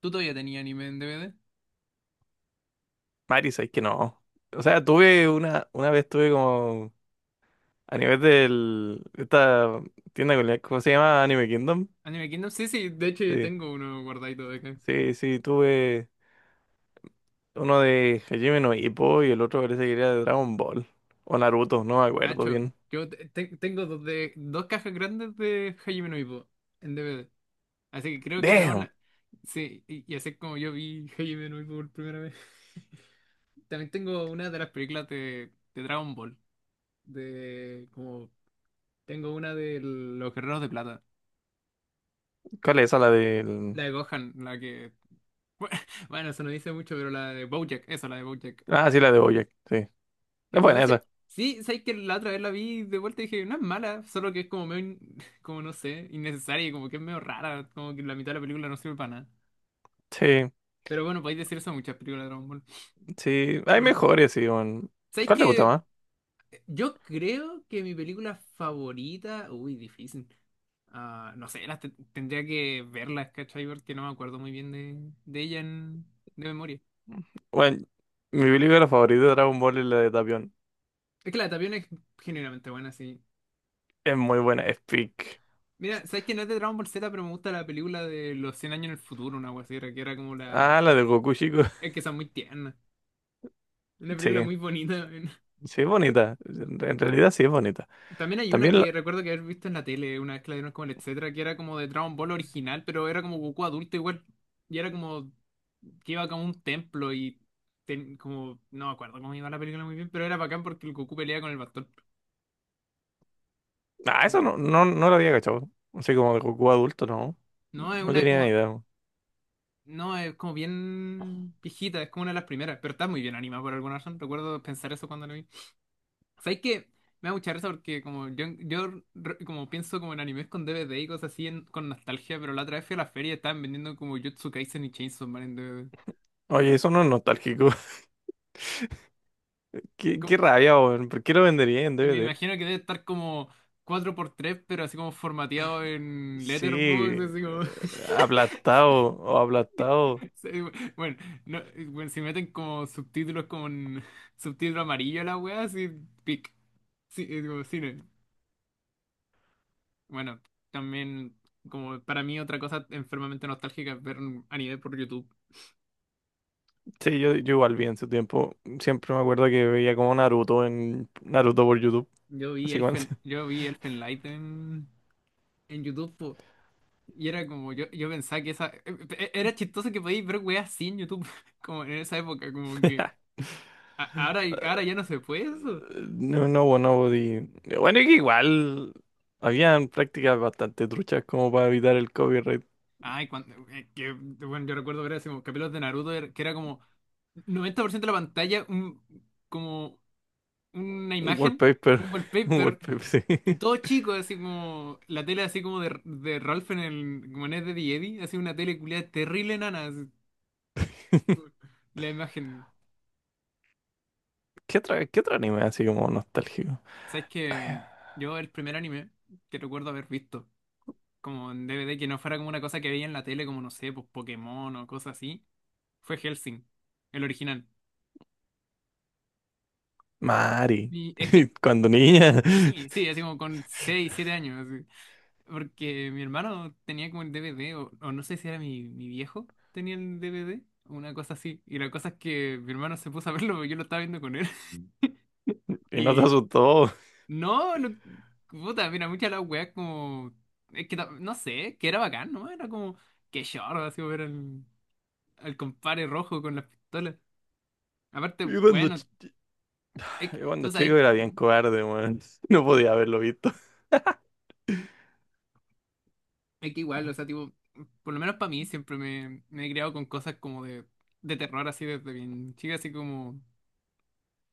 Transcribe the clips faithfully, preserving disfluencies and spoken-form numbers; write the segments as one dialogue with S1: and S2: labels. S1: ¿Tú todavía tenías anime en D V D?
S2: Mari, sabes que no. O sea, tuve una, una vez tuve como a nivel del esta tienda que ¿cómo se llama? Anime Kingdom.
S1: Anime Kingdom, sí, sí, de hecho yo
S2: Sí,
S1: tengo uno guardadito de acá.
S2: sí, sí, tuve uno de Hajime no Ippo y el otro parece que era de Dragon Ball. O Naruto, no me acuerdo
S1: Nacho,
S2: bien.
S1: yo te- te- tengo dos, de, dos cajas grandes de Hajime no Ippo en D V D. Así que creo que tenemos
S2: Damn.
S1: la... Sí, y, y así es como yo vi Hajime no Ippo por primera vez. También tengo una de las películas de, de Dragon Ball. De como... Tengo una de Los Guerreros de Plata.
S2: ¿Cuál es esa? La del.
S1: La de Gohan, la que... Bueno, eso no dice mucho, pero la de BoJack, esa, la de BoJack.
S2: Ah, sí, la de BoJack, sí.
S1: Que
S2: Es
S1: en verdad
S2: buena
S1: se...
S2: esa.
S1: Sí, sabes que la otra vez la vi de vuelta y dije, no es mala, solo que es como medio, in- como no sé, innecesaria y como que es medio rara, como que la mitad de la película no sirve para nada.
S2: Sí,
S1: Pero bueno, podéis decir eso a muchas películas de Dragon Ball.
S2: sí. Hay
S1: Bueno,
S2: mejores, sí, weón.
S1: sabéis
S2: ¿Cuál te gusta
S1: que
S2: más?
S1: yo creo que mi película favorita, uy, difícil. Ah, no sé, las te- tendría que verlas, ¿cachai? Porque no me acuerdo muy bien de, de ella en- de memoria.
S2: Bueno, mi película favorita de Dragon Ball es la de Tapión.
S1: Es que la de Tapión es generalmente buena, sí.
S2: Es muy buena, es peak.
S1: Mira, sabes que no es de Dragon Ball Z, pero me gusta la película de los cien años en el futuro, una wea así, que era como la.
S2: Ah, la de Goku,
S1: Es que son muy tiernas. Una película
S2: sí,
S1: muy bonita. Weón.
S2: sí es bonita. En realidad sí es bonita.
S1: También hay una
S2: También,
S1: que
S2: la-
S1: recuerdo que haber visto en la tele, una vez que la dieron como el etcétera, que era como de Dragon Ball original, pero era como Goku adulto igual. Y era como que iba como a un templo y ten- como no me acuerdo cómo iba la película muy bien, pero era bacán porque el Goku pelea con el bastón.
S2: ah,
S1: No,
S2: eso no, no, no lo había cachado. Así como de Goku adulto, no.
S1: no es
S2: No
S1: una
S2: tenía ni
S1: como
S2: idea.
S1: no es como bien viejita, es como una de las primeras, pero está muy bien animada por alguna razón. Recuerdo pensar eso cuando la vi. ¿Sabes qué? Me da mucha risa porque como yo, yo re- como pienso como en animes con D V D y cosas así en- con nostalgia, pero la otra vez fui a la feria y estaban vendiendo como Jujutsu Kaisen y Chainsaw Man en D V D.
S2: Oye, eso no es nostálgico. Qué, qué
S1: Como-
S2: rabia, weón. ¿Por qué lo vendería en
S1: y me
S2: D V D?
S1: imagino que debe estar como cuatro por tres pero así como formateado en Letterboxd,
S2: Sí,
S1: así como...
S2: aplastado o aplastado.
S1: Sí, bueno, no, bueno, si meten como subtítulos como en subtítulo amarillo a la wea, así pic. Sí, es como cine. Bueno, también, como para mí otra cosa enfermamente nostálgica es ver a nivel por YouTube.
S2: Sí, yo, yo igual vi en su tiempo. Siempre me acuerdo que veía como Naruto en Naruto por YouTube.
S1: Yo vi
S2: Así como
S1: Elfen, yo vi Elfen Light en, en YouTube, po, y era como, yo, yo pensaba que esa... e- e- Era chistoso que podíais ver weas así en YouTube, como en esa época, como que... a- ahora, ahora ya no se puede eso.
S2: no, no, bueno, podí- bueno, y que igual habían prácticas bastante truchas como para evitar el copyright.
S1: Ay, cuando... eh, que, bueno, yo recuerdo ver así como capítulos de Naruto, era- que era como noventa por ciento de la pantalla, un, como una
S2: Un
S1: imagen,
S2: wallpaper.
S1: un
S2: Un
S1: wallpaper.
S2: wallpaper, sí.
S1: Y todo chico, así como la tele así como de, de Ralph en el como en Ed, Eddie y Eddie, así una tele culiada terrible nana, así, la imagen.
S2: ¿Qué otra, qué otro anime así como nostálgico?
S1: ¿Sabes
S2: Ay,
S1: que
S2: ah,
S1: yo el primer anime que recuerdo haber visto, como en D V D, que no fuera como una cosa que veía en la tele, como no sé, pues Pokémon o cosas así, fue Hellsing, el original?
S2: Mari.
S1: Y es que,
S2: Cuando niña.
S1: sí, sí, así como con seis siete años, así. Porque mi hermano tenía como el D V D, o, o no sé si era mi, mi viejo, tenía el D V D, una cosa así. Y la cosa es que mi hermano se puso a verlo, porque yo lo estaba viendo con él.
S2: Y no te
S1: Y
S2: asustó.
S1: no, no- puta, mira, muchas de las weas como... Es que ta- no sé, que era bacán, ¿no? Era como, qué chorro, así ver al, al compadre rojo con las pistolas. Aparte,
S2: Y cuando,
S1: bueno,
S2: ch-
S1: es
S2: y
S1: que-
S2: cuando
S1: entonces
S2: chico
S1: hay,
S2: era bien
S1: que-
S2: cobarde, weón. No podía haberlo visto.
S1: es que igual, o sea, tipo, por lo menos para mí siempre me, me he criado con cosas como de, de terror, así desde bien chica, así como...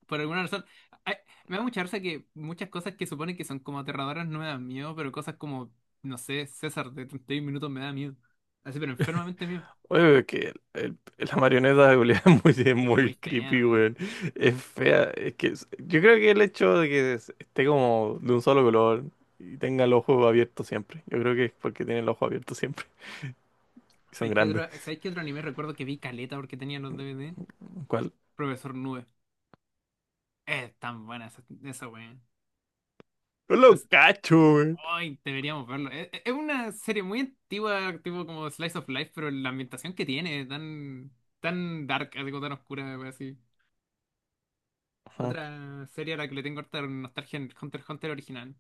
S1: Por alguna razón, ay, me da mucha risa que muchas cosas que suponen que son como aterradoras no me dan miedo, pero cosas como, no sé, César de treinta y uno minutos me da miedo. Así, pero enfermamente miedo.
S2: Oye, es que el- el- la marioneta de Julia es muy, es
S1: Es que es muy
S2: muy
S1: fea,
S2: creepy,
S1: man.
S2: weón. Es fea. Es que es- yo creo que el hecho de que es- esté como de un solo color y tenga el ojo abierto siempre. Yo creo que es porque tiene el ojo abierto siempre. Y son
S1: ¿Sabes qué otro,
S2: grandes.
S1: ¿sabes qué otro anime recuerdo que vi caleta porque tenía los D V D?
S2: ¿Cuál?
S1: Profesor Nube. Es tan buena esa, esa wea.
S2: No lo
S1: No sé,
S2: cacho, weón.
S1: ay, deberíamos verlo. Es, es es una serie muy antigua, tipo como Slice of Life, pero la ambientación que tiene, tan, tan dark, algo tan oscura, wea, así.
S2: Ujú.
S1: Otra serie a la que le tengo harta nostalgia en Hunter x Hunter original.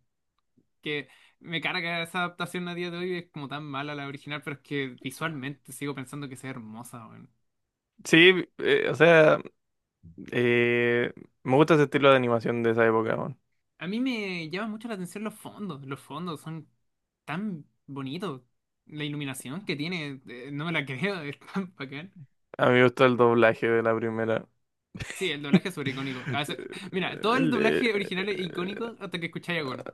S1: Que me carga esa adaptación a día de hoy, es como tan mala la original, pero es que visualmente sigo pensando que sea hermosa, weón.
S2: Sí, eh, o sea, eh, me gusta ese estilo de animación de esa época, weón.
S1: A mí me llama mucho la atención los fondos. Los fondos son tan bonitos. La iluminación que tiene, eh, no me la creo, es tan bacán.
S2: A mí me gusta el doblaje de la primera.
S1: Sí, el doblaje es sobre icónico. Ah, se- Mira, todo el
S2: El de-
S1: doblaje original es icónico hasta que escucháis a Gon.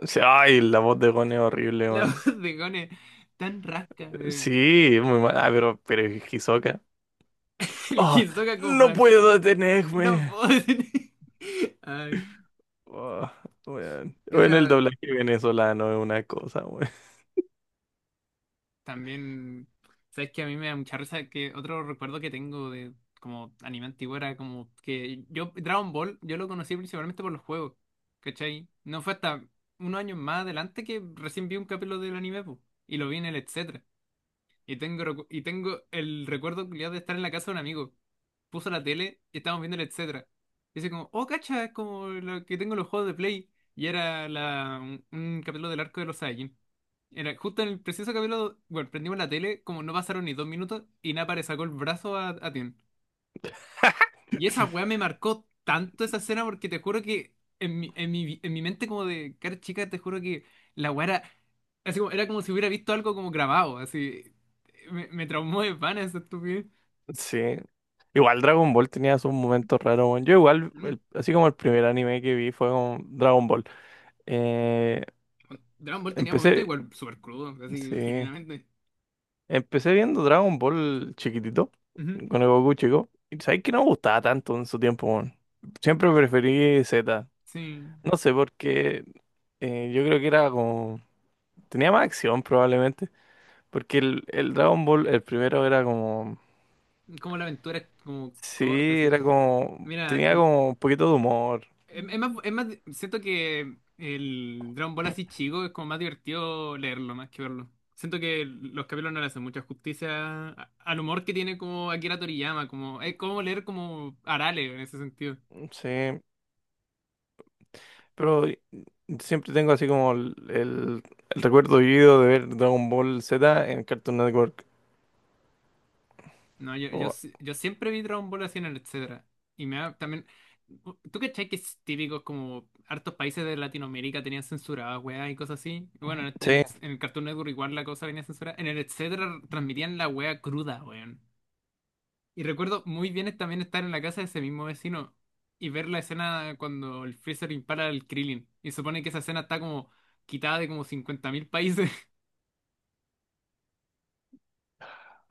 S2: o sea, ay, la voz de Gon es horrible,
S1: La
S2: weón.
S1: voz de Gon es tan rasca. eh.
S2: Sí, muy mal. Ah, pero, pero es Hisoka.
S1: El
S2: Oh,
S1: Hisoka con
S2: no
S1: francés.
S2: puedo
S1: No
S2: detenerme.
S1: puedo decir. Ay,
S2: Oh, weón.
S1: ¿qué
S2: Bueno, el
S1: otra?
S2: doblaje venezolano es una cosa, weón.
S1: También, sabes que a mí me da mucha risa que otro recuerdo que tengo de como anime antiguo era como que yo, Dragon Ball, yo lo conocí principalmente por los juegos, ¿cachai? No fue hasta unos años más adelante que recién vi un capítulo del anime, po, y lo vi en el etcétera. Y tengo, recu- y tengo el recuerdo culiado de estar en la casa de un amigo. Puso la tele y estábamos viendo el etcétera. Y dice como, oh, cacha, es como lo que tengo en los juegos de Play. Y era la, un, un capítulo del arco de los Saiyajin. Era justo en el preciso capítulo, bueno, prendimos la tele, como no pasaron ni dos minutos, y Nappa le sacó el brazo a, a Tien. Y esa weá me marcó tanto esa escena porque te juro que en mi, en mi, en mi mente como de cara chica, te juro que la weá era, así como, era como si hubiera visto algo como grabado, así. Me, me traumó de pana esa estupidez.
S2: Sí. Igual Dragon Ball tenía sus momentos raros, weón. Yo igual,
S1: Mm.
S2: el- así como el primer anime que vi fue con Dragon Ball. Eh,
S1: Dragon Ball tenía momentos
S2: empecé,
S1: igual súper crudos, así,
S2: sí,
S1: genuinamente.
S2: empecé viendo Dragon Ball chiquitito,
S1: Ujú.
S2: con el Goku chico. Y sabes que no me gustaba tanto en su tiempo, weón. Siempre preferí Z.
S1: Sí,
S2: No sé, porque eh, yo creo que era como... Tenía más acción probablemente. Porque el, el Dragon Ball, el primero era como...
S1: como la aventura es como
S2: Sí,
S1: corta, así.
S2: era como...
S1: Mira,
S2: Tenía
S1: en-
S2: como un poquito de humor.
S1: Es, es más, es más, siento que el Dragon Ball así chico es como más divertido leerlo más que verlo. Siento que los capítulos no le hacen mucha justicia a- al humor que tiene como Akira Toriyama, como es como leer como Arale en ese sentido.
S2: Sí. Pero siempre tengo así como el, el, el recuerdo vivido de ver Dragon Ball Z en Cartoon Network.
S1: No, yo, yo, si- yo siempre vi Dragon Ball así en el etcétera. Y me da también. ¿Tú cachai que es típico como hartos países de Latinoamérica tenían censuradas, weá, y cosas así? Bueno, en
S2: Sí,
S1: el, en el Cartoon Network igual la cosa venía censurada. En el etcétera transmitían la weá cruda, weón. Y recuerdo muy bien es también estar en la casa de ese mismo vecino y ver la escena cuando el Freezer impara al Krillin. Y supone que esa escena está como quitada de como cincuenta mil países.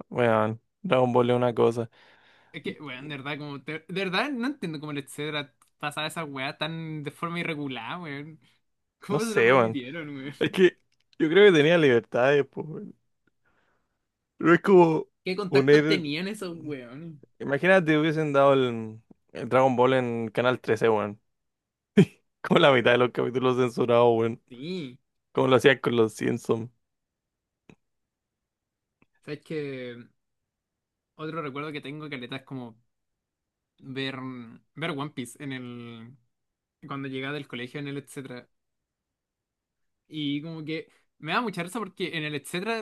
S2: weón. Dragon Ball es una cosa.
S1: Es que, weón, de verdad, como, te- de, verdad no entiendo cómo el etcétera pasaba esa weá tan de forma irregular, weón.
S2: No
S1: ¿Cómo se lo
S2: sé, weón.
S1: permitieron, weón?
S2: Es que yo creo que tenía libertades, pues, weón. No es como
S1: ¿Qué contactos
S2: poner.
S1: tenían esos weones?
S2: Imagínate, hubiesen dado el, el Dragon Ball en Canal trece, weón. Como la mitad de los capítulos censurados, weón.
S1: Sí.
S2: Como lo hacían con los Simpsons.
S1: ¿Sabes que otro recuerdo que tengo, caleta, es como ver, ver One Piece en el, cuando llegaba del colegio en el etcétera? Y como que me da mucha risa porque en el etcétera,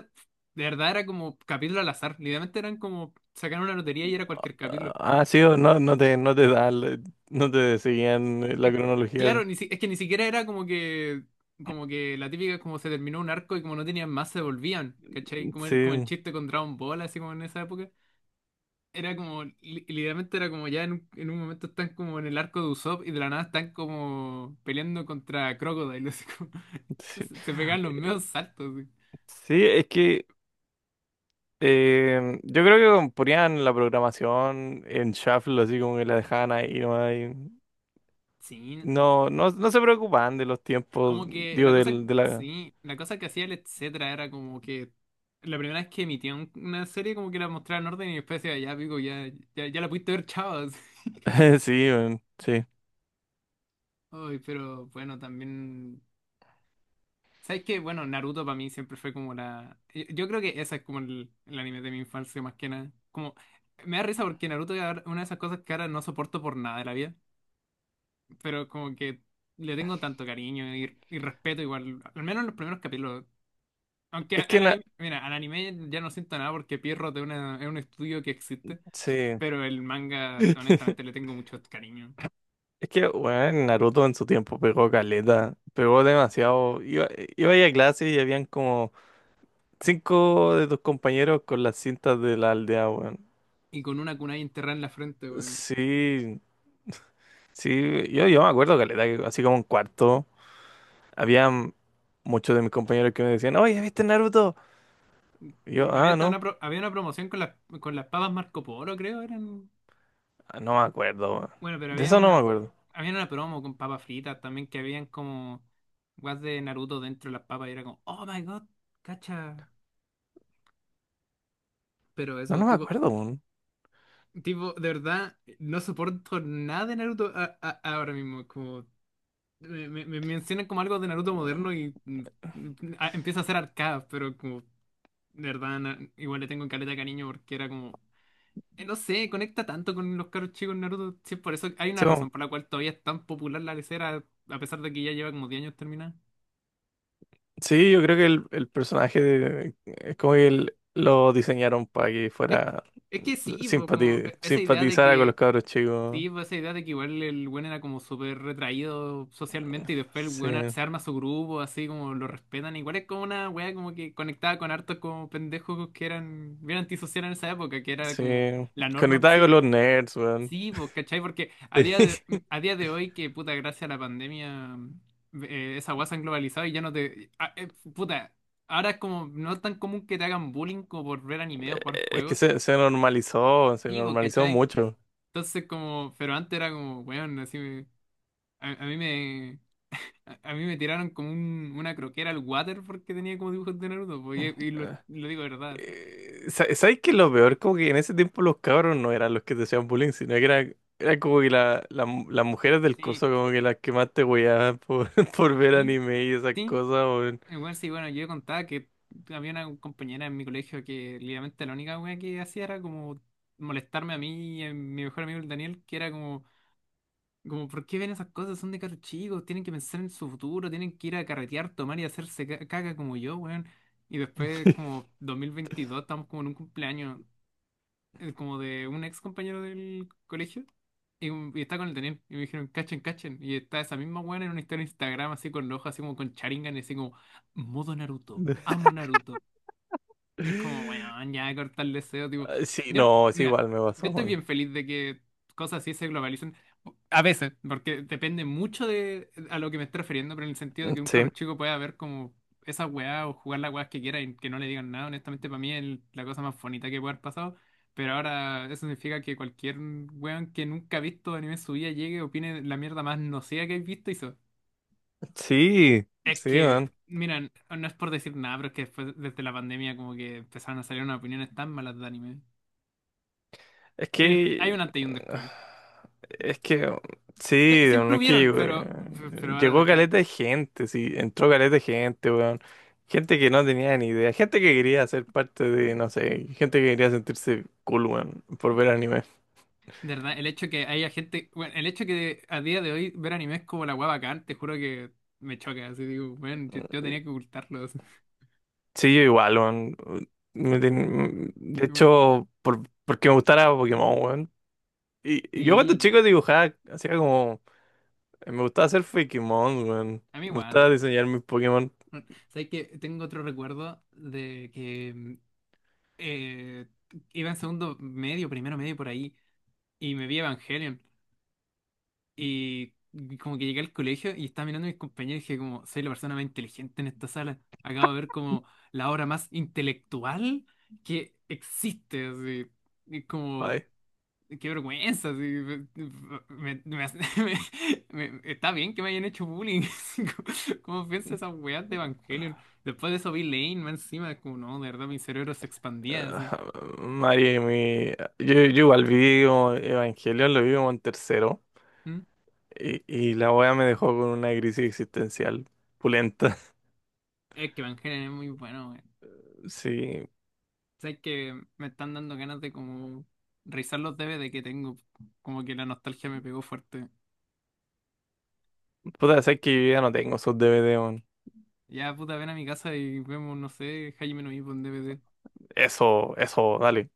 S1: de verdad era como capítulo al azar. Literalmente eran como sacar una lotería y era cualquier capítulo.
S2: Ah, ah, sí, o no, no te, no te dan, la- no te
S1: Que-
S2: seguían eh, la
S1: es
S2: cronología.
S1: Claro, ni si- es que ni siquiera era como que, como que la típica como se terminó un arco y como no tenían más se volvían, ¿cachai? Como el, como el
S2: Sí,
S1: chiste con Dragon Ball, así como en esa época. Era como, li- literalmente era como ya en un, en un momento están como en el arco de Usopp y de la nada están como peleando contra Crocodile, así como-
S2: sí.
S1: se, se pegaban los medios saltos.
S2: Sí, es que Eh, yo creo que ponían la programación en shuffle, así como que la dejaban ahí nomás, y
S1: Así. Sí,
S2: No, no, no se preocupaban de los tiempos,
S1: como que
S2: digo,
S1: la cosa
S2: del, de
S1: que,
S2: la...
S1: sí, la cosa que hacía el etcétera era como que la primera vez que emitía un- una serie como que la mostraba en orden y después decía, ya pico, ya, ya, ya la pudiste ver, chavos.
S2: Sí, weón, sí.
S1: Ay, pero bueno, también. ¿Sabes qué? Bueno, Naruto para mí siempre fue como la. Yo yo creo que esa es como el, el anime de mi infancia más que nada. Como. Me da risa porque Naruto es ahora- una de esas cosas que ahora no soporto por nada de la vida. Pero como que le tengo tanto cariño y, y respeto igual. Al menos en los primeros capítulos. Aunque
S2: Es
S1: al,
S2: que,
S1: al
S2: na-
S1: anime, mira, al anime ya no siento nada porque Pierrot es, una- es un estudio que existe,
S2: sí.
S1: pero el manga, honestamente, le tengo mucho cariño.
S2: Es que, bueno, Naruto en su tiempo pegó caleta, pegó demasiado. Iba, iba ahí a clase y habían como cinco de tus compañeros con las cintas de la aldea, weón.
S1: Y con una kunai enterrada en la frente, weón.
S2: Sí, sí, yo, yo me acuerdo caleta, que así como en cuarto. Había muchos de mis compañeros que me decían, oye, ¿viste Naruto? Y yo, ah,
S1: Había, tan una,
S2: no,
S1: pro- había una promoción con las, con las papas Marco Polo, creo, eran.
S2: ah, no me acuerdo, weón.
S1: Bueno, pero
S2: De
S1: había
S2: eso no me
S1: una,
S2: acuerdo.
S1: Había una promo con papas fritas también que habían como guas de Naruto dentro de las papas y era como, oh my god, cacha. Pero
S2: No,
S1: eso,
S2: no me
S1: tipo,
S2: acuerdo, weón.
S1: tipo, de verdad, no soporto nada de Naruto a- a- ahora mismo, como. Me, me- me mencionan como algo de Naruto moderno y mm, mm, a- empieza a ser arcada, pero como, de verdad, na- igual le tengo caleta de cariño porque era como, eh, no sé, conecta tanto con los caros chicos en Naruto. Sí, por eso hay una
S2: Sí, weón.
S1: razón por la cual todavía es tan popular la lecera, a pesar de que ya lleva como diez años terminada.
S2: Sí, yo creo que el, el personaje de, es como que el- lo diseñaron para que
S1: Es,
S2: fuera
S1: es que sí, po, como
S2: simpati-
S1: eh, esa idea de
S2: simpatizara con los
S1: que
S2: cabros chicos.
S1: sí, pues esa idea de que igual el weón era como súper retraído socialmente y después el
S2: Sí,
S1: weón a- se arma su grupo, así como lo respetan. Igual es como una weá como que conectaba con hartos como pendejos que eran bien antisociales en esa época, que era
S2: sí.
S1: como la norma.
S2: Conectaba con
S1: Sí,
S2: los nerds, weón.
S1: sí, pues, ¿cachai? Porque a día de,
S2: Sí.
S1: mm, a día de hoy, que puta, gracias a la pandemia, eh, esa weá se han globalizado y ya no te. ah, eh, puta, Ahora es como no es tan común que te hagan bullying como por ver anime o jugar
S2: Es que
S1: juegos.
S2: se, se normalizó, se
S1: Sí, pues,
S2: normalizó
S1: ¿cachai?
S2: mucho.
S1: Entonces, como, pero antes era como, weón, así. A, a mí me, a, a mí me tiraron como un- una croquera al water porque tenía como dibujos de Naruto, po, y, y lo, lo digo de verdad.
S2: Eh, sa- ¿Sabes qué es lo peor? Como que en ese tiempo los cabros no eran los que te hacían bullying, sino que era era como que la- la mu- las mujeres del
S1: Sí,
S2: curso como que las que más te hueaban por, por ver
S1: sí,
S2: anime y esas
S1: sí.
S2: cosas, weón.
S1: Igual sí, bueno, yo contaba que había una compañera en mi colegio que literalmente la única wea que hacía era como molestarme a mí y a mi mejor amigo el Daniel, que era como, como, ¿por qué ven esas cosas? Son de carros chicos, tienen que pensar en su futuro, tienen que ir a carretear, tomar y hacerse ca- caca como yo, weón. Y después, como dos mil veintidós, estamos como en un cumpleaños, eh, como de un ex compañero del colegio y, un- y está con el Daniel y me dijeron cachen cachen y está esa misma buena en una historia de Instagram así con los ojos así como con Sharingan y así como modo Naruto amo Naruto es como, weón, ya cortar el deseo, tipo.
S2: Ah, sí,
S1: Yo,
S2: no, es
S1: mira,
S2: igual me
S1: yo
S2: pasó,
S1: estoy
S2: weón.
S1: bien feliz de que cosas así se globalicen. A veces, porque depende mucho de a lo que me estoy refiriendo, pero en el sentido de que un
S2: Sí,
S1: cabro chico pueda ver como esas weas o jugar las weas que quiera y que no le digan nada. Honestamente, para mí es la cosa más bonita que puede haber pasado. Pero ahora eso significa que cualquier weón que nunca ha visto anime en su vida llegue, opine la mierda más nociva que he visto y se
S2: sí,
S1: es
S2: sí,
S1: que,
S2: man.
S1: mira, n- no es por decir nada, pero es que después, desde la pandemia, como que empezaron a salir unas opiniones tan malas de anime.
S2: Es
S1: Hay un, hay
S2: que,
S1: un antes y un después.
S2: Es que,
S1: Sie-
S2: sí, no
S1: Siempre
S2: es que
S1: hubieron,
S2: llegó,
S1: pero, pero
S2: eh,
S1: ahora, de
S2: llegó
S1: verdad,
S2: caleta de gente, sí, entró caleta de gente, weón. Gente que no tenía ni idea, gente que quería ser parte de, no sé, gente que quería sentirse cool, weón, por ver anime.
S1: de verdad, el hecho que haya gente, bueno, el hecho que a día de hoy ver anime es como la hueá bacán, te juro que me choca. Así digo, bueno, yo, yo tenía que ocultarlo. Así.
S2: Sí, yo igual, weón. Me ten- De
S1: Y bueno,
S2: hecho, por, porque me gustara Pokémon, weón. Y y yo cuando
S1: sí,
S2: chico dibujaba, hacía como, me gustaba hacer Pokémon, weón.
S1: a mí
S2: Me gustaba
S1: igual.
S2: diseñar mis Pokémon.
S1: ¿Sabes que tengo otro recuerdo de que mm, eh, iba en segundo medio, primero medio por ahí, y me vi Evangelion? Y como que llegué al colegio y estaba mirando a mis compañeros y dije como, soy la persona más inteligente en esta sala. Acabo de ver como la obra más intelectual que existe. Así. Y como,
S2: Ay.
S1: qué vergüenza. Así, me- me- me hace- me- me- está bien que me hayan hecho bullying. así como, ¿cómo pienso esas weas de Evangelion? Después de eso vi Lane más encima, como no, de verdad mi cerebro se expandía. Así.
S2: Ajá, Mari, mi- yo, yo igual vi como Evangelion, lo vi como en tercero
S1: ¿Mm?
S2: y, y la wea me dejó con una crisis existencial pulenta.
S1: Es que Evangelion es muy bueno.
S2: Sí,
S1: Sabes que me están dando ganas de como revisar los D V D que tengo. Como que la nostalgia me pegó fuerte.
S2: puta, sé que yo ya no tengo esos D V D, weón.
S1: Ya, puta, ven a mi casa y vemos, no sé, Jaime Nuivo en D V D.
S2: Eso, eso, dale.